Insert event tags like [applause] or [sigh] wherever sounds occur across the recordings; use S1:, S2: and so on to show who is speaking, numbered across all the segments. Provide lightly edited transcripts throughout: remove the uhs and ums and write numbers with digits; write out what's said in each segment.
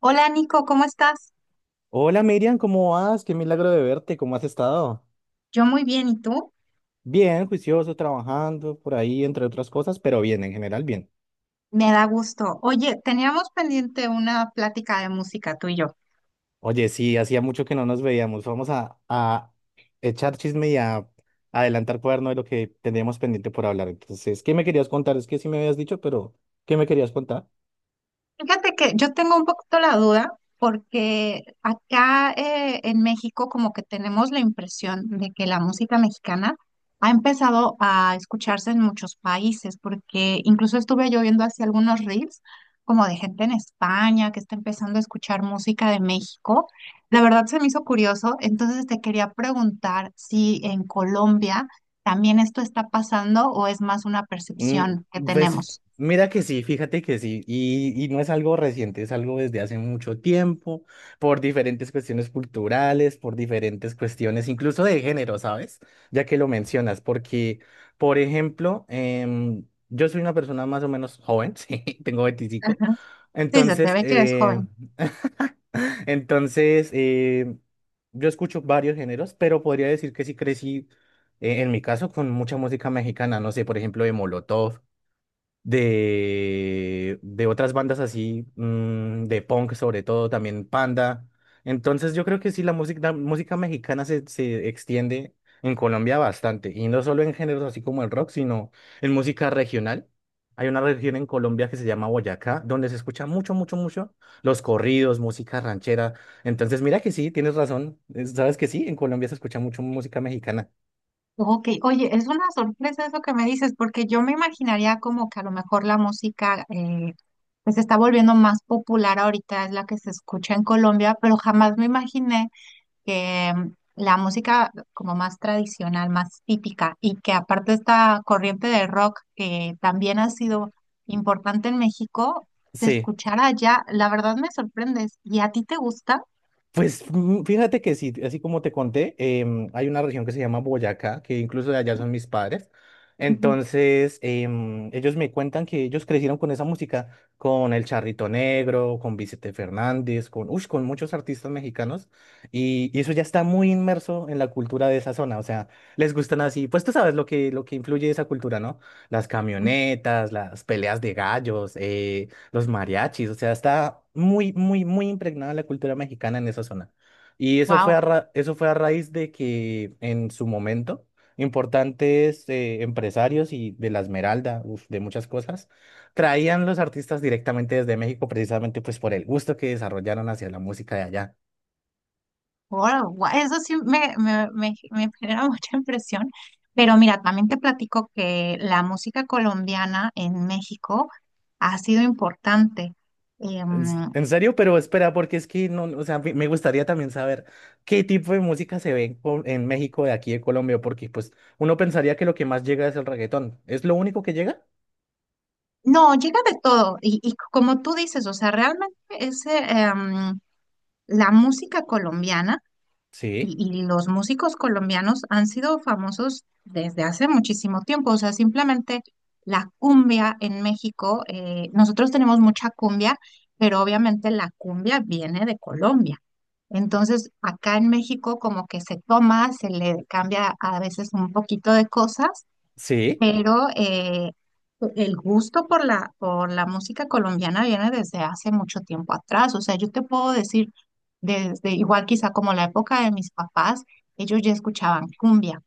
S1: Hola Nico, ¿cómo estás?
S2: Hola Miriam, ¿cómo vas? Qué milagro de verte, ¿cómo has estado?
S1: Yo muy bien, ¿y tú?
S2: Bien, juicioso, trabajando por ahí, entre otras cosas, pero bien, en general bien.
S1: Me da gusto. Oye, teníamos pendiente una plática de música tú y yo.
S2: Oye, sí, hacía mucho que no nos veíamos. Vamos a echar chisme y a adelantar cuaderno de lo que teníamos pendiente por hablar. Entonces, ¿qué me querías contar? Es que sí me habías dicho, pero ¿qué me querías contar?
S1: Fíjate que yo tengo un poquito la duda porque acá en México como que tenemos la impresión de que la música mexicana ha empezado a escucharse en muchos países porque incluso estuve yo viendo así algunos reels como de gente en España que está empezando a escuchar música de México. La verdad se me hizo curioso, entonces te quería preguntar si en Colombia también esto está pasando o es más una
S2: Mm,
S1: percepción que
S2: Pues
S1: tenemos.
S2: mira que sí, fíjate que sí, y no es algo reciente, es algo desde hace mucho tiempo, por diferentes cuestiones culturales, por diferentes cuestiones, incluso de género, ¿sabes? Ya que lo mencionas, porque, por ejemplo, yo soy una persona más o menos joven, [laughs] sí, tengo 25
S1: Sí, se te
S2: entonces,
S1: ve que eres joven.
S2: [laughs] [laughs] Entonces, yo escucho varios géneros, pero podría decir que sí crecí, en mi caso, con mucha música mexicana. No sé, por ejemplo, de Molotov, de otras bandas así, de punk sobre todo, también Panda. Entonces yo creo que sí, la música mexicana se extiende en Colombia bastante, y no solo en géneros así como el rock, sino en música regional. Hay una región en Colombia que se llama Boyacá, donde se escucha mucho, mucho, mucho los corridos, música ranchera. Entonces, mira que sí, tienes razón. Sabes que sí, en Colombia se escucha mucho música mexicana.
S1: Ok, oye, es una sorpresa eso que me dices, porque yo me imaginaría como que a lo mejor la música pues se está volviendo más popular ahorita, es la que se escucha en Colombia, pero jamás me imaginé que la música como más tradicional, más típica, y que aparte esta corriente de rock que también ha sido importante en México, se
S2: Sí.
S1: escuchara allá, la verdad me sorprendes. ¿Y a ti te gusta?
S2: Pues fíjate que sí, así como te conté, hay una región que se llama Boyacá, que incluso de allá son mis padres. Entonces, ellos me cuentan que ellos crecieron con esa música, con El Charrito Negro, con Vicente Fernández, con muchos artistas mexicanos, y eso ya está muy inmerso en la cultura de esa zona, o sea, les gustan así, pues tú sabes lo que influye esa cultura, ¿no? Las camionetas, las peleas de gallos, los mariachis, o sea, está muy, muy, muy impregnada la cultura mexicana en esa zona. Y eso fue
S1: Wow.
S2: a raíz de que en su momento importantes empresarios y de la Esmeralda, uf, de muchas cosas, traían los artistas directamente desde México precisamente pues por el gusto que desarrollaron hacia la música de allá.
S1: Wow, eso sí me [laughs] genera mucha impresión. Pero mira, también te platico que la música colombiana en México ha sido importante.
S2: En s-
S1: Em,
S2: en serio, pero espera, porque es que no, o sea, me gustaría también saber qué tipo de música se ve en México de aquí de Colombia, porque pues uno pensaría que lo que más llega es el reggaetón. ¿Es lo único que llega?
S1: no, llega de todo. Y como tú dices, o sea, realmente ese, em, la música colombiana.
S2: Sí,
S1: Y, y los músicos colombianos han sido famosos desde hace muchísimo tiempo. O sea, simplemente la cumbia en México, nosotros tenemos mucha cumbia, pero obviamente la cumbia viene de Colombia. Entonces, acá en México como que se toma, se le cambia a veces un poquito de cosas
S2: sí.
S1: pero el gusto por la música colombiana viene desde hace mucho tiempo atrás. O sea, yo te puedo decir, desde igual quizá como la época de mis papás, ellos ya escuchaban cumbia,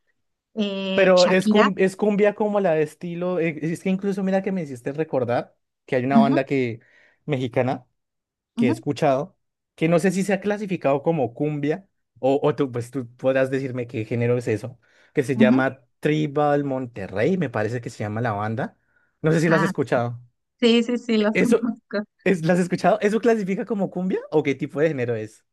S2: Pero es,
S1: Shakira.
S2: cum- es cumbia como la de estilo, es que incluso mira que me hiciste recordar que hay una
S1: Ujú,
S2: banda que mexicana que he
S1: ujú,
S2: escuchado, que no sé si se ha clasificado como cumbia, o tú, pues tú podrás decirme qué género es eso, que se
S1: ujú.
S2: llama Tribal Monterrey, me parece que se llama la banda. No sé si la has
S1: Ah,
S2: escuchado.
S1: sí, sí, sí, los [laughs]
S2: ¿Eso,
S1: conozco.
S2: es, la has escuchado? ¿Eso clasifica como cumbia o qué tipo de género es?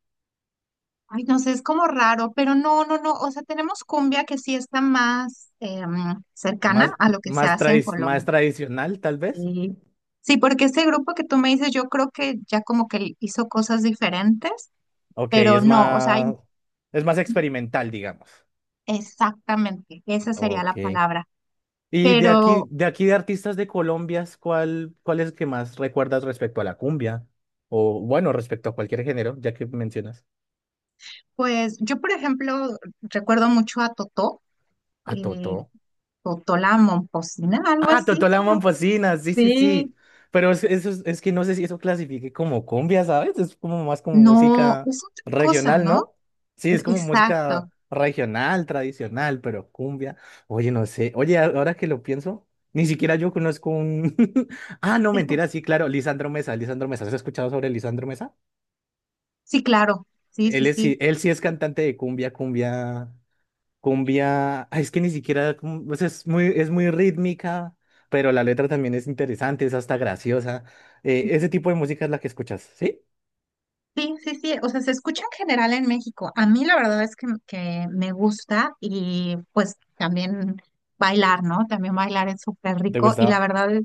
S1: Ay, no sé, es como raro, pero no, no, no. O sea, tenemos cumbia que sí está más em, cercana
S2: ¿Más,
S1: a lo que se
S2: más,
S1: hace en
S2: tradi- más
S1: Colombia.
S2: tradicional, tal vez?
S1: Sí, sí, porque ese grupo que tú me dices, yo creo que ya como que hizo cosas diferentes,
S2: Ok,
S1: pero
S2: es
S1: no, o sea,
S2: más, es más experimental, digamos.
S1: exactamente, esa sería la
S2: Ok.
S1: palabra.
S2: Y de
S1: Pero,
S2: aquí, de aquí de artistas de Colombia, ¿cuál es el que más recuerdas respecto a la cumbia? O bueno, respecto a cualquier género, ya que mencionas
S1: pues, yo, por ejemplo, recuerdo mucho a Totó,
S2: a
S1: eh,
S2: Totó.
S1: Totó la Momposina, algo
S2: Ah,
S1: así,
S2: Totó
S1: se
S2: la
S1: llama.
S2: sí, sí, sí.
S1: Sí.
S2: Sí. Pero es que no sé si eso clasifique como cumbia, ¿sabes? Es como más como
S1: No,
S2: música
S1: es otra cosa,
S2: regional,
S1: ¿no?
S2: ¿no? Sí, es como
S1: Exacto.
S2: música regional, tradicional, pero cumbia. Oye, no sé. Oye, ahora que lo pienso, ni siquiera yo conozco un. [laughs] Ah, no, mentira,
S1: [laughs]
S2: sí, claro, Lisandro Mesa, Lisandro Mesa. ¿Has escuchado sobre Lisandro Mesa?
S1: Sí, claro, sí, sí,
S2: Él es,
S1: sí.
S2: sí- él sí es cantante de cumbia, cumbia. Cumbia, ay, es que ni siquiera, o sea, es muy rítmica, pero la letra también es interesante, es hasta graciosa. Ese tipo de música es la que escuchas, ¿sí?
S1: Sí, sí, sí, o sea, se escucha en general en México. A mí la verdad es que me gusta y pues también bailar, ¿no? También bailar es súper
S2: ¿Te
S1: rico y la
S2: gusta?
S1: verdad es,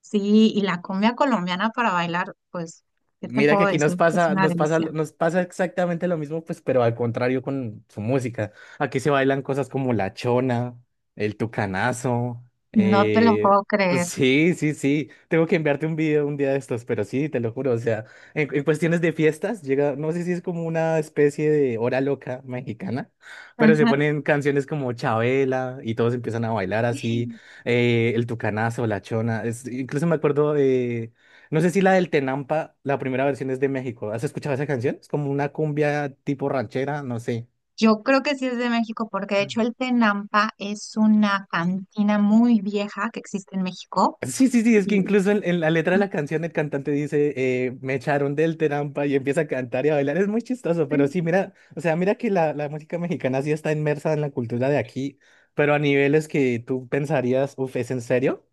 S1: sí, y la cumbia colombiana para bailar, pues, ¿qué te
S2: Mira que
S1: puedo
S2: aquí
S1: decir?
S2: nos
S1: Es
S2: pasa,
S1: una
S2: nos pasa,
S1: delicia.
S2: nos pasa exactamente lo mismo, pues, pero al contrario con su música. Aquí se bailan cosas como la chona, el tucanazo.
S1: No te lo
S2: eh,
S1: puedo creer.
S2: sí, sí, sí. Tengo que enviarte un video un día de estos, pero sí, te lo juro. O sea, en cuestiones de fiestas, llega, no sé si es como una especie de hora loca mexicana, pero se
S1: Ajá.
S2: ponen canciones como Chabela y todos empiezan a bailar así. El tucanazo, la chona. Incluso me acuerdo de no sé si la del Tenampa, la primera versión es de México. ¿Has escuchado esa canción? Es como una cumbia tipo ranchera, no sé.
S1: Yo creo que sí es de México porque de hecho
S2: Mm.
S1: el Tenampa es una cantina muy vieja que existe en México.
S2: Sí, sí, sí, es que
S1: Y,
S2: incluso en la letra de la canción el cantante dice, me echaron del Tenampa y empieza a cantar y a bailar. Es muy chistoso, pero
S1: sí.
S2: sí, mira, o sea, mira que la música mexicana sí está inmersa en la cultura de aquí, pero a niveles que tú pensarías, uff, ¿es en serio?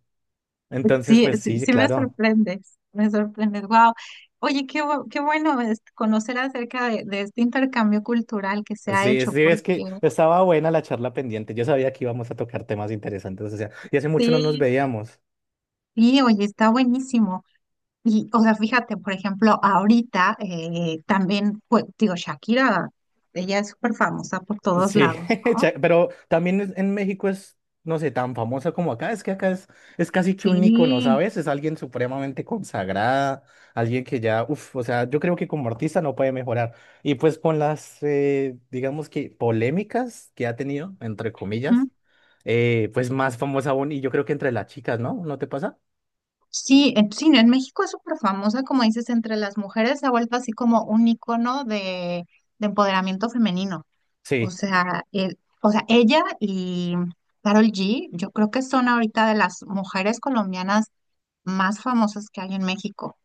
S2: Entonces,
S1: Sí,
S2: pues
S1: sí,
S2: sí, sí,
S1: sí me
S2: claro.
S1: sorprendes, me sorprendes. Wow. Oye, qué bueno es conocer acerca de este intercambio cultural que se ha
S2: Sí,
S1: hecho,
S2: sí, es
S1: porque
S2: que estaba buena la charla pendiente. Yo sabía que íbamos a tocar temas interesantes, o sea, y hace mucho no nos
S1: sí,
S2: veíamos.
S1: sí, oye, está buenísimo. Y, o sea, fíjate, por ejemplo, ahorita también, pues, digo, Shakira, ella es súper famosa por todos
S2: Sí,
S1: lados,
S2: [laughs]
S1: ¿no?
S2: pero también en México es, no sé, tan famosa como acá. Es que acá es casi que un ícono,
S1: Sí,
S2: ¿sabes? Es alguien supremamente consagrada, alguien que ya, uff, o sea, yo creo que como artista no puede mejorar. Y pues con las, digamos que polémicas que ha tenido, entre
S1: ¿mm?
S2: comillas, pues más famosa aún, y yo creo que entre las chicas, ¿no? ¿No te pasa?
S1: Sí, en, sí, en México es súper famosa, como dices, entre las mujeres se ha vuelto así como un icono de empoderamiento femenino. O
S2: Sí.
S1: sea, o sea, ella y Carol G, yo creo que son ahorita de las mujeres colombianas más famosas que hay en México,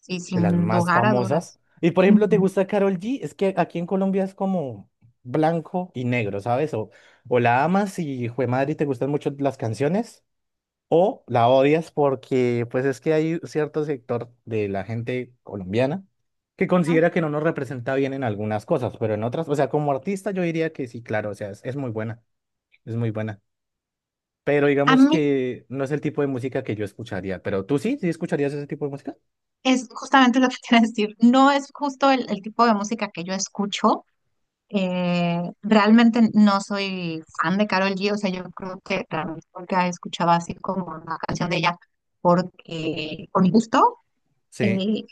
S1: sí,
S2: De las
S1: sin
S2: más
S1: lugar a
S2: famosas.
S1: dudas.
S2: Y por ejemplo, ¿te
S1: Ujú.
S2: gusta Karol G? Es que aquí en Colombia es como blanco y negro, ¿sabes? O la amas y jue madre, te gustan mucho las canciones, o la odias porque pues es que hay cierto sector de la gente colombiana que considera que no nos representa bien en algunas cosas, pero en otras, o sea, como artista yo diría que sí, claro, o sea, es muy buena. Pero
S1: A
S2: digamos
S1: mí
S2: que no es el tipo de música que yo escucharía. Pero tú sí, sí escucharías ese tipo de música.
S1: es justamente lo que [laughs] quiero decir, no es justo el tipo de música que yo escucho. Eh, realmente no soy fan de Carol G, o sea, yo creo que realmente porque escuchaba así como una canción de ella porque con gusto
S2: Sí.
S1: y,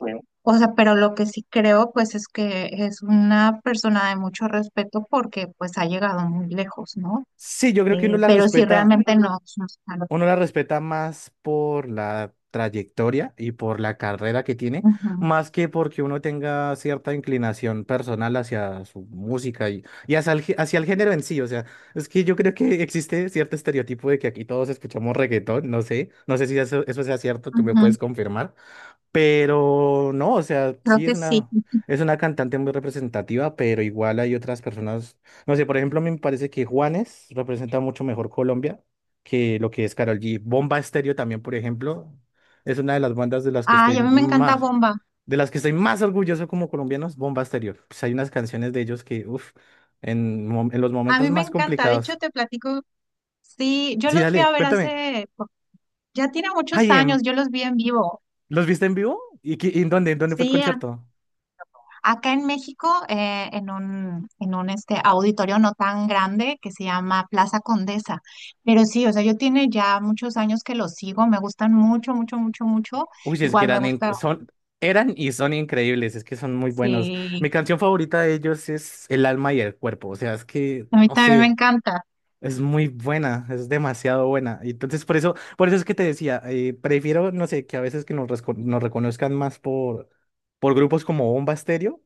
S1: o sea, pero lo que sí creo, pues, es que es una persona de mucho respeto porque, pues, ha llegado muy lejos, ¿no?
S2: Sí, yo creo que uno la
S1: Pero sí,
S2: respeta
S1: realmente no. No claro.
S2: Uno la respeta más por la trayectoria y por la carrera que tiene,
S1: Ujú,
S2: más que porque uno tenga cierta inclinación personal hacia su música y hacia el género en sí. O sea, es que yo creo que existe cierto estereotipo de que aquí todos escuchamos reggaetón, no sé si eso sea cierto, tú me
S1: ujú,
S2: puedes confirmar. Pero no, o sea,
S1: creo
S2: sí
S1: que
S2: es
S1: sí.
S2: una cantante muy representativa, pero igual hay otras personas. No sé, por ejemplo, a mí me parece que Juanes representa mucho mejor Colombia que lo que es Karol G. Bomba Estéreo también, por ejemplo, es una de las bandas de las que
S1: Ay,
S2: estoy
S1: a mí me encanta
S2: más,
S1: Bomba.
S2: de las que estoy más orgulloso como colombianos, Bomba Estéreo. Pues hay unas canciones de ellos que, uff, en los
S1: A
S2: momentos
S1: mí me
S2: más
S1: encanta. De hecho,
S2: complicados.
S1: te platico, sí, yo
S2: Sí,
S1: los fui
S2: dale,
S1: a ver
S2: cuéntame.
S1: hace, ya tiene muchos
S2: Ay,
S1: años, yo los vi en vivo.
S2: ¿los viste en vivo? ¿Y en dónde? ¿En dónde fue el
S1: Sí,
S2: concierto?
S1: acá en México, en un este, auditorio no tan grande que se llama Plaza Condesa. Pero sí, o sea, yo tiene ya muchos años que lo sigo, me gustan mucho, mucho, mucho, mucho.
S2: Uy, es que
S1: Igual me gusta,
S2: eran y son increíbles, es que son muy buenos.
S1: sí,
S2: Mi canción favorita de ellos es El alma y el cuerpo, o sea, es que,
S1: a mí
S2: no
S1: también me
S2: sé,
S1: encanta.
S2: es muy buena, es demasiado buena. Y entonces, por eso es que te decía, prefiero, no sé, que a veces que nos reconozcan más por grupos como Bomba Estéreo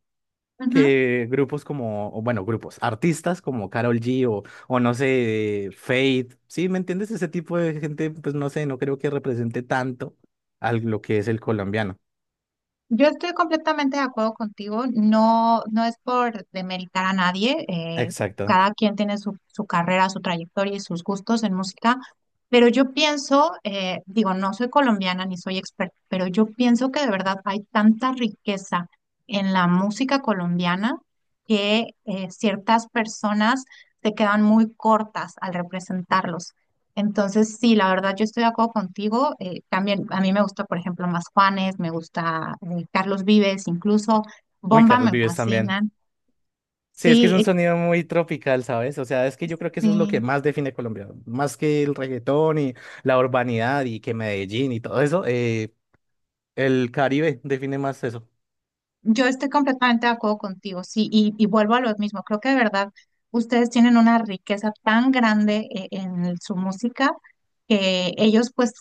S2: que grupos como, o bueno, grupos, artistas como Karol G o no sé, Fate, ¿sí? ¿Me entiendes? Ese tipo de gente, pues no sé, no creo que represente tanto a lo que es el colombiano.
S1: Yo estoy completamente de acuerdo contigo, no, no es por demeritar a nadie,
S2: Exacto.
S1: cada quien tiene su, su carrera, su trayectoria y sus gustos en música, pero yo pienso, digo, no soy colombiana ni soy experta, pero yo pienso que de verdad hay tanta riqueza en la música colombiana que ciertas personas se quedan muy cortas al representarlos. Entonces, sí, la verdad, yo estoy de acuerdo contigo. Eh, también a mí me gusta, por ejemplo, Más Juanes, me gusta Carlos Vives, incluso
S2: Uy,
S1: Bomba
S2: Carlos
S1: me
S2: Vives también.
S1: fascinan.
S2: Sí, es que es
S1: Sí,
S2: un sonido muy tropical, ¿sabes? O sea, es que yo creo que eso es lo que
S1: sí,
S2: más define Colombia. Más que el reggaetón y la urbanidad y que Medellín y todo eso, el Caribe define más eso.
S1: yo estoy completamente de acuerdo contigo, sí, y vuelvo a lo mismo. Creo que de verdad ustedes tienen una riqueza tan grande en su música que ellos, pues,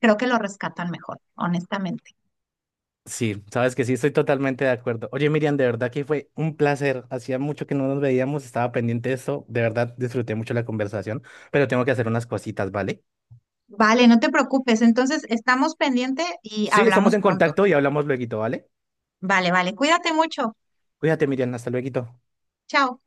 S1: creo que lo rescatan mejor, honestamente.
S2: Sí, sabes que sí, estoy totalmente de acuerdo. Oye, Miriam, de verdad que fue un placer. Hacía mucho que no nos veíamos, estaba pendiente de esto. De verdad, disfruté mucho la conversación, pero tengo que hacer unas cositas, ¿vale?
S1: Vale, no te preocupes. Entonces, estamos pendiente y
S2: Sí, estamos
S1: hablamos
S2: en
S1: pronto.
S2: contacto y hablamos luego, ¿vale?
S1: Vale, vale, cuídate mucho.
S2: Cuídate, Miriam, hasta luego.
S1: Chao.